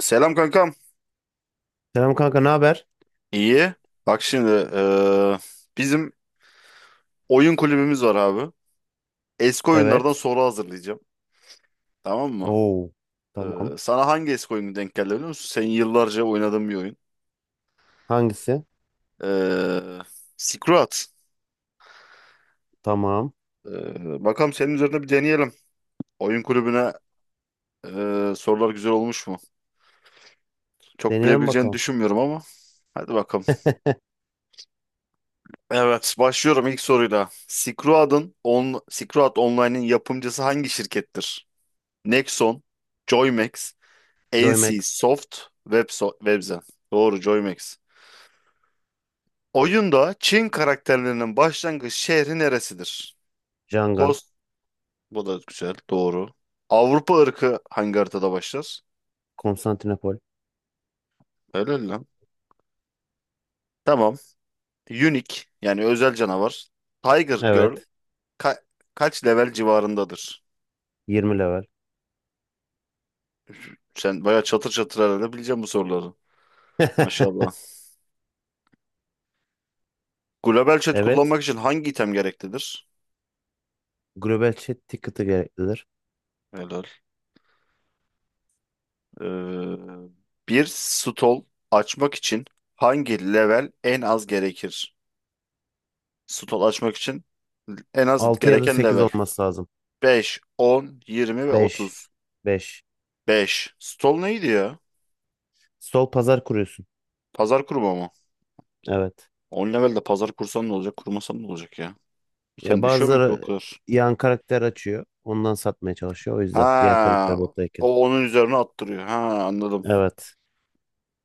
Selam kankam. Selam kanka, ne haber? İyi. Bak şimdi bizim oyun kulübümüz var abi. Eski oyunlardan Evet. soru hazırlayacağım. Tamam mı? Oo. Tamam. Sana hangi eski oyunu denk geldi biliyor musun? Senin yıllarca oynadığın bir oyun. Hangisi? Eee Silk Road. Tamam. Bakalım senin üzerinde bir deneyelim. Oyun kulübüne sorular güzel olmuş mu? Çok Deneyelim bilebileceğini bakalım. düşünmüyorum ama. Hadi bakalım. Evet, başlıyorum ilk soruyla. Silk Road Online'in yapımcısı hangi şirkettir? Nexon, Joymax, NC Joymax. Soft Webzen. Doğru, Joymax. Oyunda Çin karakterlerinin başlangıç şehri neresidir? Jangan. Kos, bu da güzel. Doğru. Avrupa ırkı hangi haritada başlar? Konstantinopol. Helal lan. Tamam. Unique yani özel canavar. Tiger Girl Evet. ka- kaç level civarındadır? 20 level. Sen bayağı çatır çatır herhalde bileceksin bu soruları. Maşallah. Global chat Evet. kullanmak için hangi item gereklidir? Global chat ticket'ı gereklidir. Helal. Ee, bir stol açmak için hangi level en az gerekir? Stol açmak için en az 6 ya da gereken sekiz level: olması lazım. 5, 10, 20 ve 5. 30. 5. Beş. Stol neydi ya? Sol pazar kuruyorsun. Pazar kurma mı? Evet. 10 levelde pazar kursan ne olacak? Kurmasan ne olacak ya? Ya Diken düşüyor mu ki o bazıları kadar? yan karakter açıyor. Ondan satmaya çalışıyor. O yüzden diğer Ha, karakter bottayken. o onun üzerine attırıyor. Ha, anladım. Evet.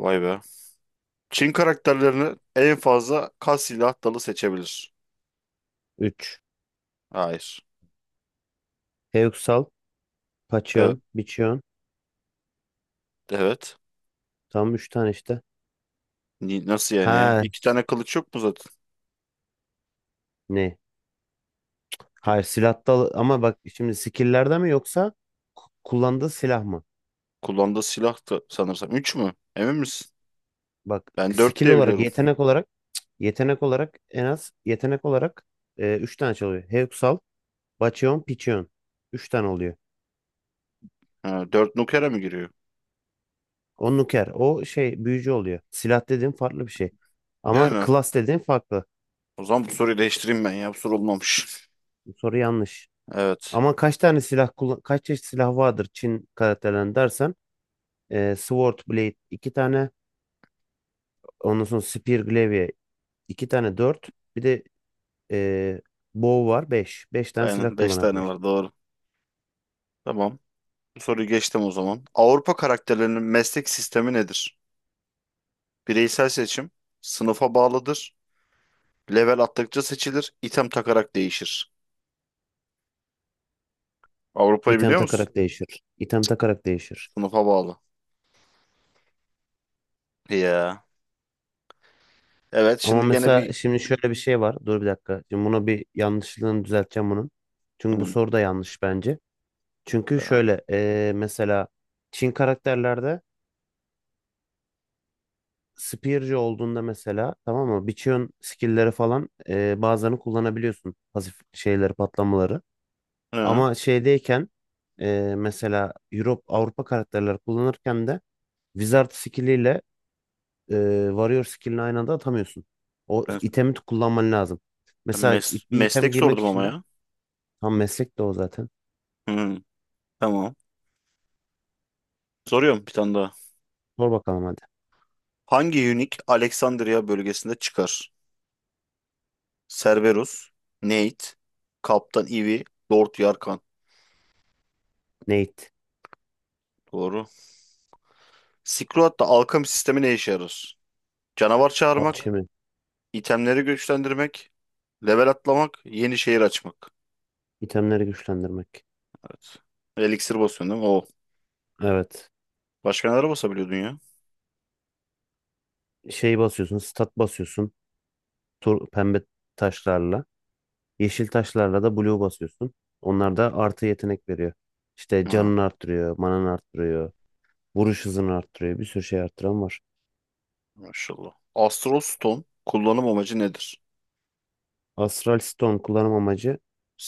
Vay be. Çin karakterlerini en fazla kaç silah dalı seçebilir? Üç. Hayır. Heuxal, Evet. Pachyon, Bichyon. Evet. Tam 3 tane işte. Nasıl yani ya? Ha, İki tane kılıç yok mu zaten? ne? Hayır, silahta ama bak şimdi skill'lerde mi yoksa kullandığı silah mı? Kullandığı silah da sanırsam. Üç mü? Emin misin? Bak, Ben dört skill diye olarak biliyorum. yetenek olarak en az yetenek olarak 3 tane çalıyor. Hexal, Baccheon, Pichon. Üç tane oluyor. Ha, dört nukere mı giriyor? O nuker. O şey büyücü oluyor. Silah dediğin farklı bir şey. Ama Yani. class dediğin farklı. O zaman bu soruyu değiştireyim ben ya. Bu soru olmamış. Bu soru yanlış. Evet. Ama kaç tane silah kullan, kaç çeşit silah vardır Çin karakterlerinde dersen Sword Blade 2 tane. Ondan sonra Spear Glaive iki tane, dört. Bir de e, Bow var, 5, 5 tane silah Aynen. Beş tane kullanabilir. var. Doğru. Tamam. Bu soruyu geçtim o zaman. Avrupa karakterlerinin meslek sistemi nedir? Bireysel seçim. Sınıfa bağlıdır. Level attıkça seçilir. İtem takarak değişir. Avrupa'yı İtem biliyor musun? takarak değişir. Sınıfa bağlı. Ya. Evet. Ama Şimdi gene bir... mesela şimdi şöyle bir şey var. Dur bir dakika. Şimdi buna bir yanlışlığını düzelteceğim bunun. Çünkü bu Hı. soru da yanlış bence. Çünkü şöyle, mesela Çin karakterlerde Spear'cı olduğunda mesela, tamam mı? Biçiyon skill'leri falan, bazılarını kullanabiliyorsun. Pasif şeyleri, patlamaları. Hı. Ama şeydeyken, mesela Europe Avrupa karakterleri kullanırken de Wizard skilliyle e, Warrior skillini aynı anda atamıyorsun. O Ben itemi kullanman lazım. Mesela bir item meslek giymek sordum için ama de ya. tam meslek de o zaten. Hmm, tamam. Soruyorum bir tane daha. Sor bakalım, hadi. Hangi Hunik Alexandria bölgesinde çıkar? Cerberus, Nate, Kaptan Ivy, Lord Yarkan. Nate. Doğru. Silkroad alkemi sistemi ne işe yarar? Canavar çağırmak, Alchemy. itemleri güçlendirmek, level atlamak, yeni şehir açmak. İtemleri güçlendirmek. Evet. Elixir basıyorsun değil mi? O. Evet. Başka neler basabiliyordun ya? Şey basıyorsun, stat basıyorsun. Tur, pembe taşlarla. Yeşil taşlarla da blue basıyorsun. Onlar da artı yetenek veriyor. İşte Ha, canını arttırıyor, mananı arttırıyor. Vuruş hızını arttırıyor. Bir sürü şey arttıran var. maşallah. Astral Stone kullanım amacı nedir? Astral Stone kullanım amacı,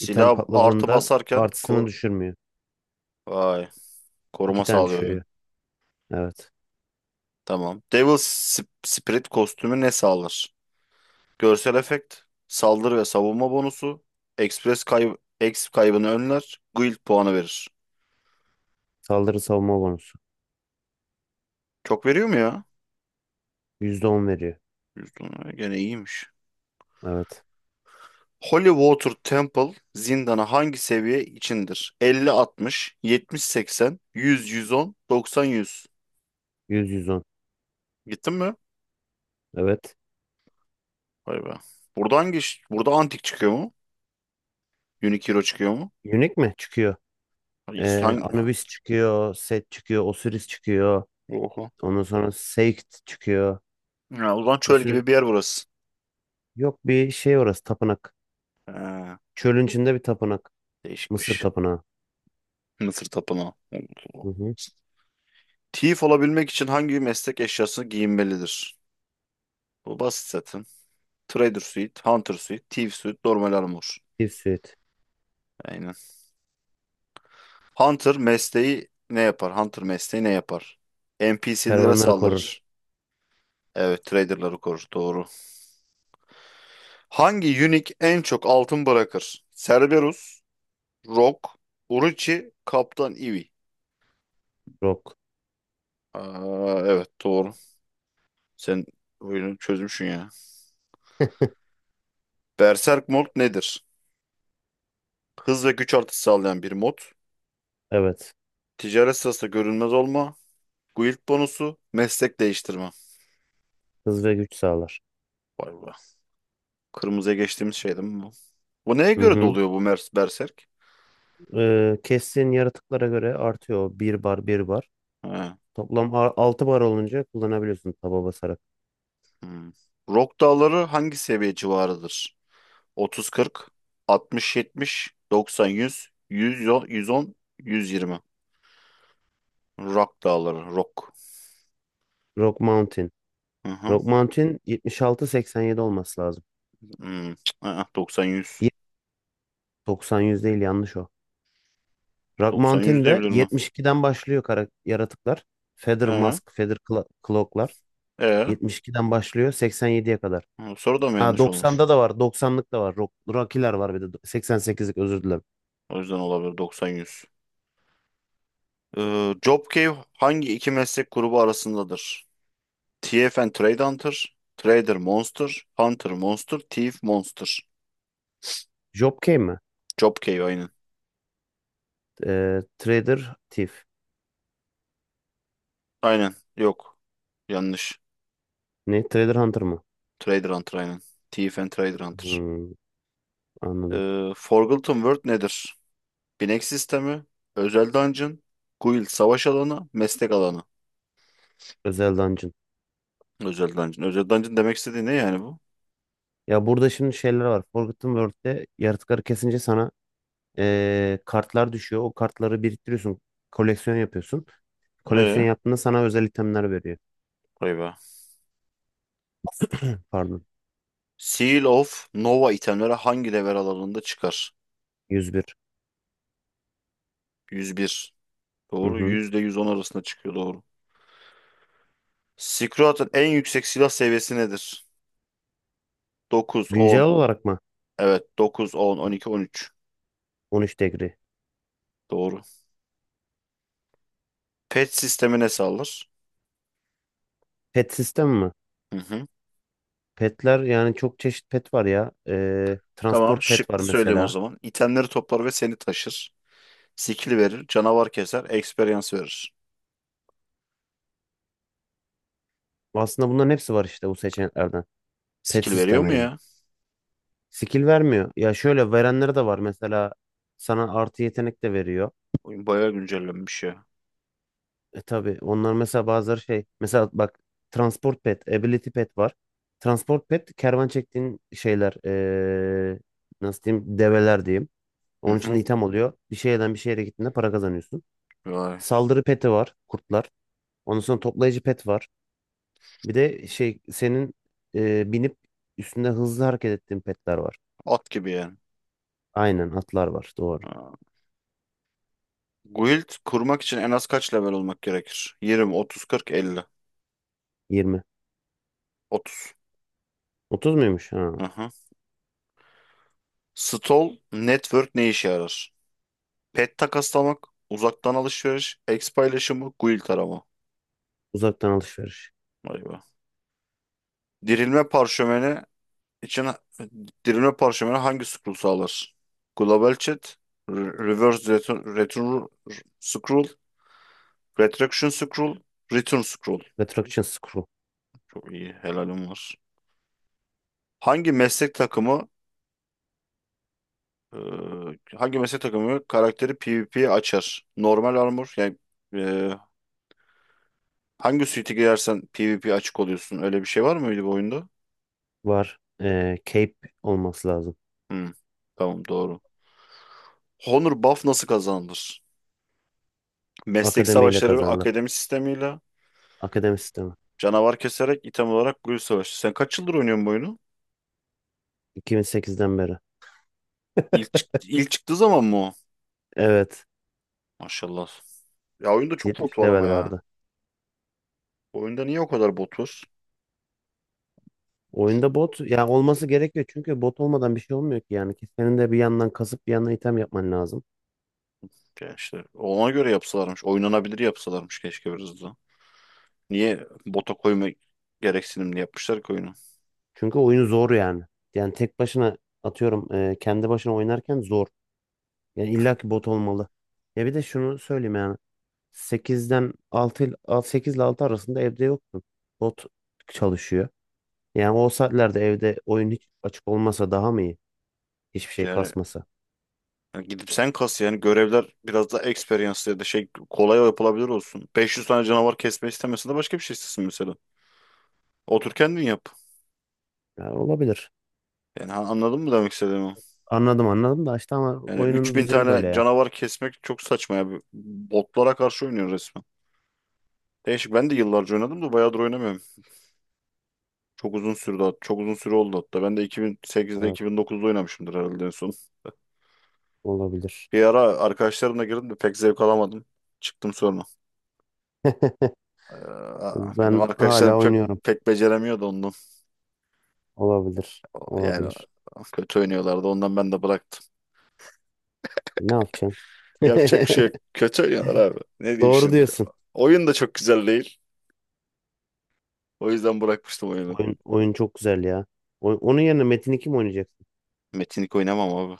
item artı patladığında basarken artısını kor... düşürmüyor. Vay. Koruma İki tane sağlıyor yani. düşürüyor. Evet. Tamam. Devil Spirit kostümü ne sağlar? Görsel efekt, saldırı ve savunma bonusu, Express kayb Exp kaybını önler, Guild puanı verir. Saldırı savunma bonusu. Çok veriyor mu ya? %10 veriyor. %10, gene iyiymiş. Evet. Holy Water Temple zindanı hangi seviye içindir? 50, 60, 70, 80, 100, 110, 90, 100. Yüz yüz on. Gittin mi? Evet. Vay be. Burada burada antik çıkıyor mu? Unique çıkıyor mu? Unique mi? Çıkıyor. Hayır. Hangi? Ha. Anubis çıkıyor. Set çıkıyor. Osiris çıkıyor. Oho. Ondan sonra Seikt çıkıyor. Ya, o zaman Bir çöl sürü... gibi bir yer burası. Yok, bir şey orası. Tapınak. Ha, Çölün içinde bir tapınak. Mısır değişikmiş. tapınağı. Mısır tapınağı. Allah. Hı hı. Thief olabilmek için hangi meslek eşyasını giyinmelidir? Bu basit zaten. Trader suit, hunter suit, thief suit, normal armor. Bir suit. Aynen. Hunter mesleği ne yapar? Hunter mesleği ne yapar? NPC'lere Kervanları korur. saldırır. Evet, traderları korur. Doğru. Hangi unique en çok altın bırakır? Cerberus, Rock, Uruchi, Kaptan Ivy. Rock. Aa, evet, doğru. Sen oyunu çözmüşsün ya. Berserk Mode nedir? Hız ve güç artışı sağlayan bir mod. Evet. Ticaret sırasında görünmez olma. Guild bonusu. Meslek değiştirme. Hız ve güç sağlar. Vay be. Kırmızıya geçtiğimiz şey değil mi bu? Bu neye Hı göre hı. doluyor bu Mers Berserk? Kestiğin yaratıklara göre artıyor. Bir bar, bir bar. He. Toplam 6 bar olunca kullanabiliyorsun taba basarak. Hmm. Rock dağları hangi seviye civarıdır? 30-40, 60-70, 90-100, 110, 120. Rock dağları. Rock. Rock Mountain. Hı hı. Rock Mountain 76-87 olması lazım. Hmm. Aa, 90-100. Ye- 90-100 değil, yanlış o. Rock 90-100 Mountain'de diyebilir mi? 72'den başlıyor kara yaratıklar. Feather He. Mask, Cloak'lar. E. 72'den başlıyor 87'ye kadar. Soru da mı Ha, yanlış olmuş? 90'da da var. 90'lık da var. Rock, Rocky'ler var bir de. 88'lik, özür dilerim. O yüzden olabilir 90-100. Job Cave hangi iki meslek grubu arasındadır? Thief and Trade Hunter, Trader Monster, Hunter Monster, Thief Monster. Job Kane mi? Job Cave aynen. Trader Thief. Aynen. Yok. Yanlış. Ne? Trader Hunter mı? Trader Hunter aynen. Thief and Trader Hunter. Hmm. Anladım. Forgotten World nedir? Binek sistemi, özel dungeon, guild savaş alanı, meslek alanı. Özel dungeon. Özel dungeon. Özel dungeon demek istediği ne yani bu? Ya burada şimdi şeyler var. Forgotten World'de yaratıkları kesince sana kartlar düşüyor. O kartları biriktiriyorsun. Koleksiyon yapıyorsun. Ee, Koleksiyon yaptığında sana özel itemler veriyor. vay be. Pardon. Seal of Nova itemleri hangi level alanında çıkar? 101. 101. Hı Doğru. hı. %110 arasında çıkıyor doğru. Squat'ın en yüksek silah seviyesi nedir? Dokuz, Güncel 10. olarak mı? Evet, dokuz, 10, 12, 13. 13 degri. Doğru. Pet sistemi ne sağlar? Pet sistem mi? Hı hı. Petler yani çok çeşit pet var ya. Tamam. Transport pet var Şıklı söyleyeyim o mesela. zaman. İtemleri toplar ve seni taşır. Skill verir. Canavar keser. Experience verir. Aslında bunların hepsi var işte bu seçeneklerden. Pet Skill veriyor mu sistemiyle. ya? Skill vermiyor. Ya şöyle verenleri de var. Mesela sana artı yetenek de veriyor. Oyun bayağı güncellenmiş ya. E tabii, onlar mesela bazıları şey, mesela bak, transport pet, ability pet var. Transport pet kervan çektiğin şeyler, nasıl diyeyim, develer diyeyim. Hı Onun için de hı. item oluyor. Bir şeyden bir şehre gittiğinde para kazanıyorsun. Vay. Saldırı peti var, kurtlar. Ondan sonra toplayıcı pet var. Bir de şey, senin binip üstünde hızlı hareket ettiğin petler var. At gibi yani. Aynen, atlar var, doğru. Ha. Guild kurmak için en az kaç level olmak gerekir? 20, 30, 40, 50. 20. 30. 30 muymuş? Ha. Stol network ne işe yarar? Pet takaslamak, uzaktan alışveriş, X paylaşımı, guild arama. Uzaktan alışveriş. Vay be. Dirilme parşömeni için dirilme parşömeni hangi scroll sağlar? Global chat, reverse return, return scroll, retraction scroll, return scroll. Retraction screw Çok iyi, helalim var. Hangi meslek takımı e, hangi meslek takımı karakteri PvP'ye açar? Normal armor yani e, hangi suite'e girersen PvP açık oluyorsun. Öyle bir şey var mıydı bu oyunda? var. Cape olması lazım. Hmm, tamam, doğru. Honor buff nasıl kazanılır? Meslek Akademiyle savaşları ve kazanılır. akademi sistemiyle Akademi sistemi. canavar keserek item olarak gül savaşı. Sen kaç yıldır oynuyorsun bu oyunu? 2008'den beri. İlk çıktığı zaman mı o? Evet. Maşallah. Ya, oyunda çok bot 70 var ama level ya. vardı. Oyunda niye o kadar bot var? Oyunda bot ya olması gerekiyor, çünkü bot olmadan bir şey olmuyor ki yani. Ki senin de bir yandan kasıp bir yandan item yapman lazım. Ya işte ona göre yapsalarmış. Oynanabilir yapsalarmış keşke biraz da. Niye bota koyma gereksinimli yapmışlar ki oyunu? Çünkü oyun zor yani. Yani tek başına atıyorum, kendi başına oynarken zor. Yani illa ki bot olmalı. Ya bir de şunu söyleyeyim yani, 8'den 6 ile 8 ile 6 arasında evde yoksun. Bot çalışıyor. Yani o saatlerde evde oyun hiç açık olmasa daha mı iyi? Hiçbir şey Yani kasmasa. yani gidip sen kas yani görevler biraz daha experience ya da şey kolay yapılabilir olsun. 500 tane canavar kesme istemiyorsan de başka bir şey istesin mesela. Otur kendin yap. Ya olabilir. Yani anladın mı demek istediğimi? Anladım, anladım da işte ama Yani oyunun 3.000 düzeni böyle tane ya. canavar kesmek çok saçma ya. Botlara karşı oynuyor resmen. Değişik. Ben de yıllarca oynadım da bayağıdır oynamıyorum. Çok uzun süre oldu hatta. Ben de 2008'de Evet, 2009'da oynamışımdır herhalde en son. olabilir. Bir ara arkadaşlarımla girdim de pek zevk alamadım. Çıktım sonra. Ee, benim Ben hala arkadaşlar pek oynuyorum. pek beceremiyordu ondan. Olabilir. Yani Olabilir. kötü oynuyorlardı ondan ben de bıraktım. E, ne yapacaksın? Yapacak bir şey yok. Kötü oynuyorlar abi. Ne diyeyim Doğru şimdi? diyorsun. Oyun da çok güzel değil. O yüzden bırakmıştım oyunu. Oyun, oyun çok güzel ya. Onun yerine Metin 2 mi oynayacaksın? Metinlik oynamam abi.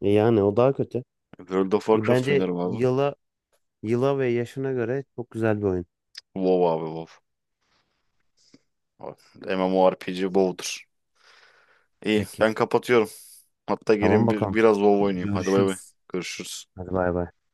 E yani, o daha kötü. World of E, Warcraft bence oynarım abi. Yıla ve yaşına göre çok güzel bir oyun. WoW abi WoW. MMO MMORPG WoW'dur. İyi, Peki. ben kapatıyorum. Hatta Tamam gelin bakalım. biraz WoW oynayayım. Hadi bay bay. Görüşürüz. Görüşürüz. Hadi bay bay.